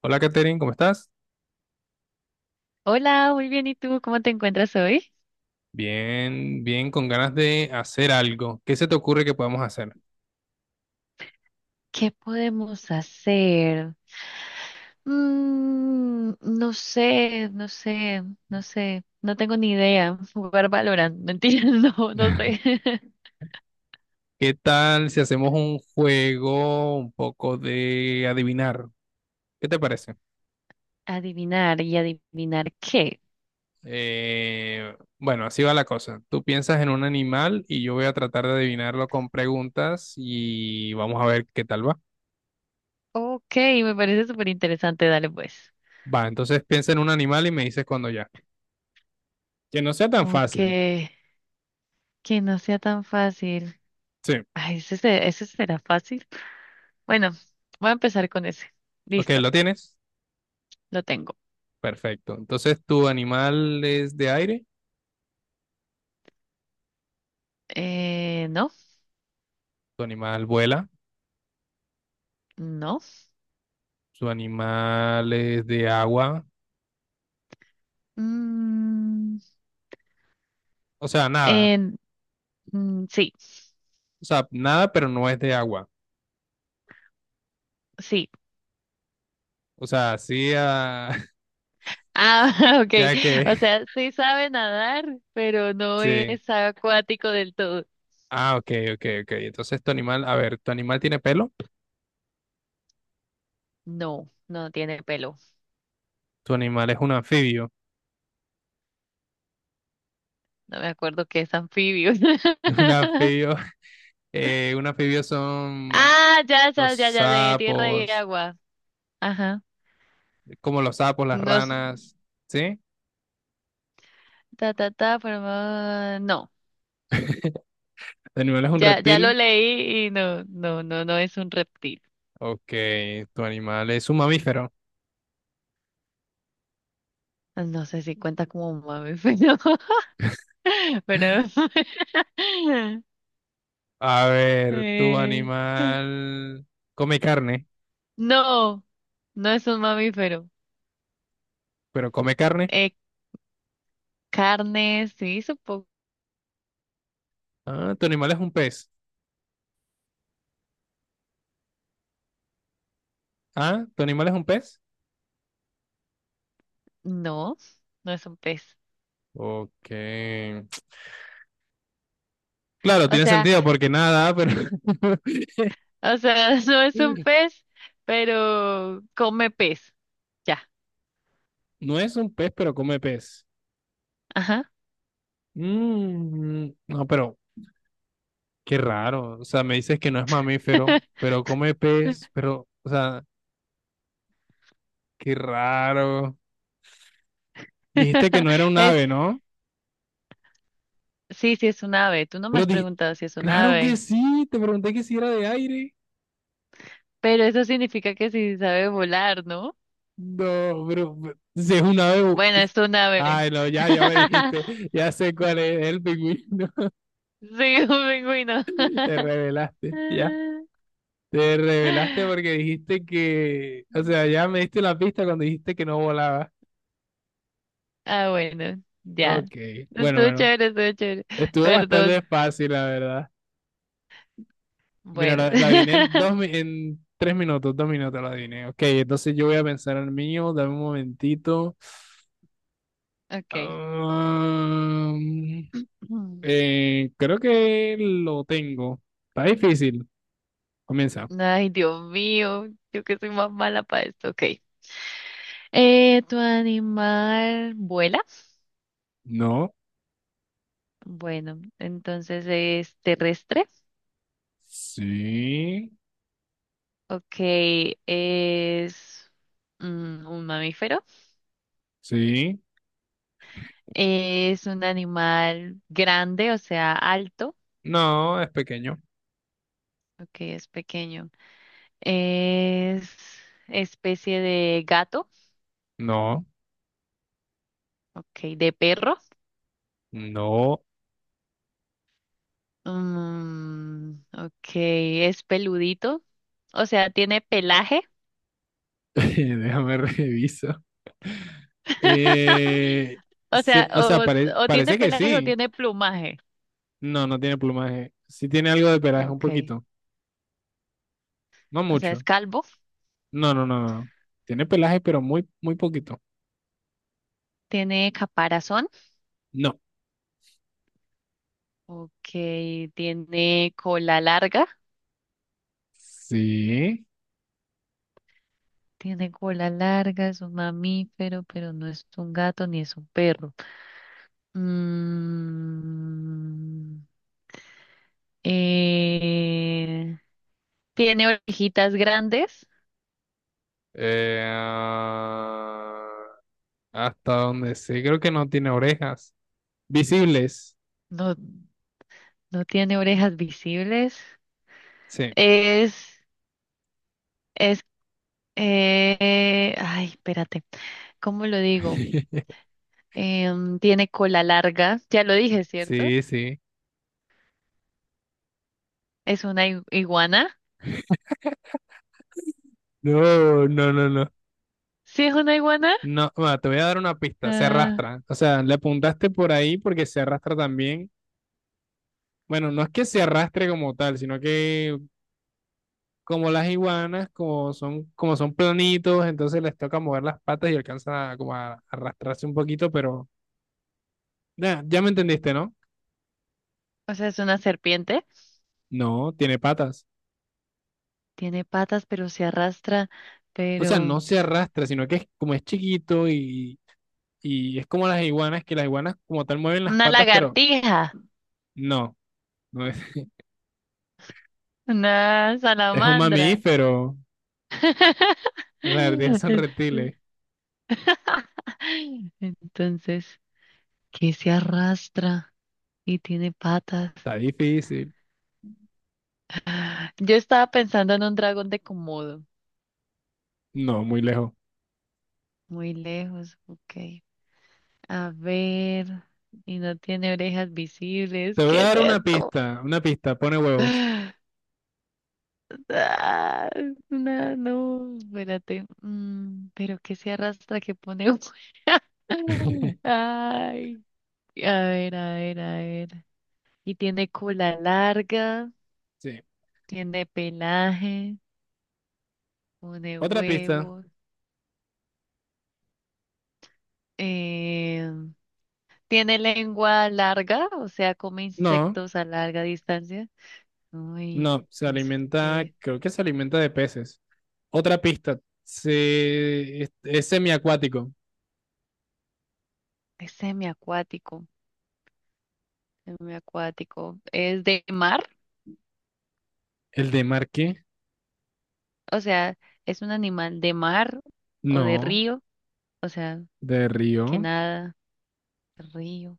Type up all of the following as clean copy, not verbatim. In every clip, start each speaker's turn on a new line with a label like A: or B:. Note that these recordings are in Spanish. A: Hola, Katherine, ¿cómo estás?
B: Hola, muy bien. ¿Y tú cómo te encuentras hoy?
A: Bien, bien, con ganas de hacer algo. ¿Qué se te ocurre que podamos hacer?
B: ¿Qué podemos hacer? No sé, no sé, no sé. No tengo ni idea. Jugar Valorant, mentira, no, no sé.
A: ¿Qué tal si hacemos un juego un poco de adivinar? ¿Qué te parece?
B: Adivinar y adivinar qué.
A: Bueno, así va la cosa. Tú piensas en un animal y yo voy a tratar de adivinarlo con preguntas y vamos a ver qué tal va.
B: Ok, me parece súper interesante. Dale pues.
A: Va, entonces piensa en un animal y me dices cuando ya. Que no sea tan
B: Ok,
A: fácil.
B: que no sea tan fácil.
A: Sí.
B: Ay, ese, ese será fácil. Bueno, voy a empezar con ese.
A: Ok,
B: Listo,
A: ¿lo tienes?
B: lo tengo.
A: Perfecto. Entonces, ¿tu animal es de aire?
B: No,
A: ¿Tu animal vuela?
B: no.
A: Su animal es de agua.
B: Mm.
A: O sea, nada.
B: En- sí,
A: O sea, nada, pero no es de agua.
B: sí.
A: O sea, sí, ah,
B: Ah, ok.
A: ya que,
B: O sea, sí sabe nadar, pero no
A: sí.
B: es acuático del todo.
A: Ah, ok, ok, ok. Entonces tu animal, a ver, ¿tu animal tiene pelo?
B: No, no tiene pelo.
A: Tu animal es un anfibio.
B: No me acuerdo que es anfibio.
A: Un anfibio, un anfibio son
B: Ah, ya,
A: los
B: ya, ya, ya, de tierra y
A: sapos,
B: agua. Ajá.
A: como los sapos, las
B: Nos,
A: ranas, ¿sí?
B: ta, ta, ta, forma- No, no.
A: Tu animal es un
B: Ya lo
A: reptil.
B: leí y no, no, no, no es un reptil.
A: Ok, tu animal es un mamífero.
B: No sé si cuenta como un mamífero, pero...
A: A ver, tu
B: Eh,
A: animal come carne,
B: No, no es un mamífero.
A: pero come carne.
B: Eh, carne, sí, supongo.
A: Ah, tu animal es un pez. Ah, tu animal es un pez.
B: No, no es un pez.
A: Ok. Claro,
B: O
A: tiene
B: sea,
A: sentido porque nada, pero
B: no es un pez, pero come pez. Ya,
A: no es un pez, pero come pez.
B: ajá.
A: Mm, no, pero qué raro. O sea, me dices que no es mamífero, pero come pez, pero, o sea, qué raro. Dijiste que no era un
B: Es,
A: ave, ¿no?
B: sí, sí es un ave. Tú no me
A: Pero
B: has
A: dije,
B: preguntado si es un
A: claro que
B: ave,
A: sí, te pregunté que si era de aire.
B: pero eso significa que sí sabe volar, ¿no?
A: No, pero si es un ave.
B: Bueno, es un ave.
A: Ay, no, ya, ya me dijiste, ya sé cuál es, el pingüino.
B: Sí, un pingüino.
A: Te revelaste, ya. Te revelaste porque dijiste que, o sea, ya me diste la pista cuando dijiste que no volaba.
B: Ah, bueno, ya.
A: Ok, bueno,
B: Estuvo
A: bueno.
B: chévere, estuvo chévere.
A: Estuvo
B: Perdón.
A: bastante fácil, la verdad. Mira,
B: Bueno.
A: la adiviné en en 3 minutos, 2 minutos la adiviné. Ok, entonces yo voy a pensar en el mío, dame un momentito.
B: Ok.
A: Am,
B: Mm.
A: creo que lo tengo. Está difícil. Comienza.
B: Ay, Dios mío, yo que soy más mala para esto. Ok. ¿Tu animal vuela?
A: No.
B: Bueno, entonces es terrestre.
A: Sí.
B: Ok, es un mamífero.
A: Sí.
B: Es un animal grande, o sea, alto.
A: No, es pequeño.
B: Ok, es pequeño. Es especie de gato.
A: No.
B: Ok, de perro.
A: No,
B: Ok, es peludito. O sea, tiene pelaje.
A: déjame reviso. Eh,
B: O sea,
A: o sea,
B: o tiene
A: parece que
B: pelaje o
A: sí.
B: tiene plumaje.
A: No, no tiene plumaje. Sí tiene algo de pelaje, un
B: Ok,
A: poquito. No
B: o sea, es
A: mucho.
B: calvo.
A: No, no, no, no. Tiene pelaje, pero muy, muy poquito.
B: Tiene caparazón.
A: No.
B: Ok, tiene cola larga.
A: Sí.
B: Tiene cola larga, es un mamífero, pero no es un gato ni es un perro. Mm, eh, tiene orejitas grandes.
A: Eh, ah, hasta donde sé, creo que no tiene orejas. Visibles.
B: No. No tiene orejas visibles.
A: Sí.
B: Es, es, ay, espérate, ¿cómo lo digo? Tiene cola larga, ya lo dije, ¿cierto?
A: Sí, sí.
B: Es una iguana.
A: No, no, no, no.
B: ¿Sí es una iguana?
A: No, bueno, te voy a dar una pista, se
B: Ah,
A: arrastra. O sea, le apuntaste por ahí porque se arrastra también. Bueno, no es que se arrastre como tal, sino que como las iguanas, como son planitos, entonces les toca mover las patas y alcanzan a, como a arrastrarse un poquito, pero ya, ya me entendiste, ¿no?
B: o sea, es una serpiente.
A: No, tiene patas.
B: Tiene patas, pero se arrastra,
A: O sea, no
B: pero...
A: se arrastra, sino que es como es chiquito y, es como las iguanas, que las iguanas como tal mueven las
B: Una
A: patas, pero
B: lagartija,
A: no, no es,
B: una
A: es un
B: salamandra.
A: mamífero. Las ardillas son reptiles.
B: Entonces, ¿qué se arrastra y tiene patas?
A: Está difícil.
B: Yo estaba pensando en un dragón de Komodo.
A: No, muy lejos.
B: Muy lejos, ok. A ver. Y no tiene orejas visibles.
A: Te voy
B: ¿Qué
A: a
B: es
A: dar
B: esto?
A: una pista, pone huevos.
B: Ah, no, no, espérate. Mm, pero que se arrastra, que pone. Ay, a ver, a ver, a ver. Y tiene cola larga,
A: Sí.
B: tiene pelaje, pone
A: Otra pista.
B: huevos. Eh, tiene lengua larga, o sea, come
A: No,
B: insectos a larga distancia. Uy,
A: no, se
B: entonces
A: alimenta,
B: eh,
A: creo que se alimenta de peces. Otra pista, es semiacuático.
B: es semiacuático, semiacuático. ¿Es de mar?
A: ¿El de mar qué?
B: O sea, ¿es un animal de mar o de
A: No,
B: río? O sea,
A: de
B: que
A: río.
B: nada, río,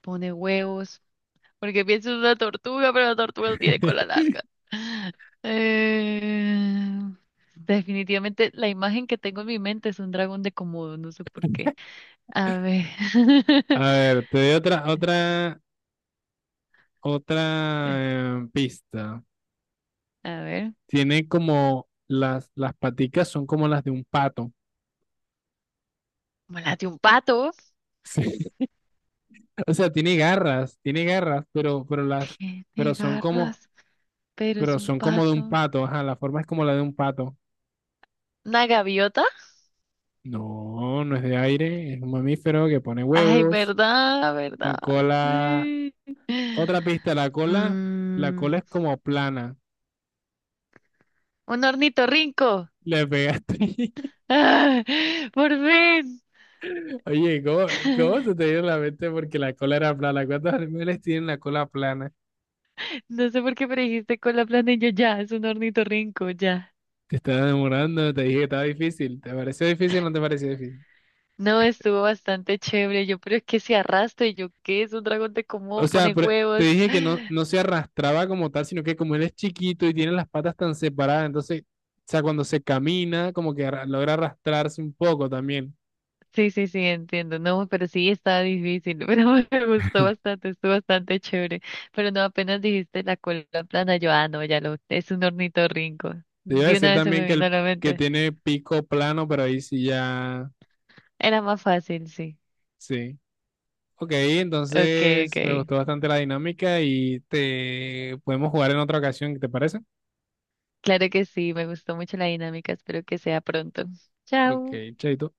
B: pone huevos, porque pienso en una tortuga, pero la tortuga no tiene cola larga. Eh, definitivamente la imagen que tengo en mi mente es un dragón de Komodo, no sé por qué. A ver,
A: A ver, te doy otra pista.
B: a ver,
A: Tiene como las paticas son como las de un pato.
B: como las de un pato.
A: Sí. O sea, tiene garras, pero las, pero
B: Tiene
A: son como,
B: garras. Pero es
A: pero
B: un
A: son como de un
B: pato.
A: pato, ajá, la forma es como la de un pato.
B: ¿Una gaviota?
A: No, no es de aire, es un mamífero que pone
B: Ay,
A: huevos,
B: verdad, verdad.
A: con cola.
B: Sí.
A: Otra pista, la cola
B: Mm,
A: es como plana.
B: un ornitorrinco.
A: Le pegaste.
B: ¡Ah! Por fin.
A: Oye, cómo se te dio la mente porque la cola era plana? ¿Cuántos animales tienen la cola plana?
B: No sé por qué me dijiste con la planilla ya, es un ornitorrinco, ya.
A: Te estás demorando, te dije que estaba difícil. ¿Te pareció difícil o no te pareció difícil?
B: No, estuvo bastante chévere. Yo, pero es que se arrastra y yo, ¿qué es un dragón de cómo
A: O sea,
B: pone
A: pero te
B: huevos?
A: dije que no, no se arrastraba como tal, sino que como él es chiquito y tiene las patas tan separadas, entonces, o sea, cuando se camina, como que logra arrastrarse un poco también.
B: Sí, sí, sí, entiendo. No, pero sí está difícil, pero me gustó bastante, estuvo bastante chévere. Pero no, apenas dijiste la cola plana, yo, ah, no, ya lo, es un ornitorrinco.
A: Te iba a
B: De
A: decir
B: una vez se
A: también
B: me
A: que,
B: vino a
A: el,
B: la
A: que
B: mente.
A: tiene pico plano, pero ahí sí ya,
B: Era más fácil, sí.
A: sí. Ok,
B: Okay,
A: entonces me
B: okay,
A: gustó bastante la dinámica y te podemos jugar en otra ocasión, ¿te parece?
B: claro que sí, me gustó mucho la dinámica, espero que sea pronto.
A: Ok,
B: Chao.
A: chaito.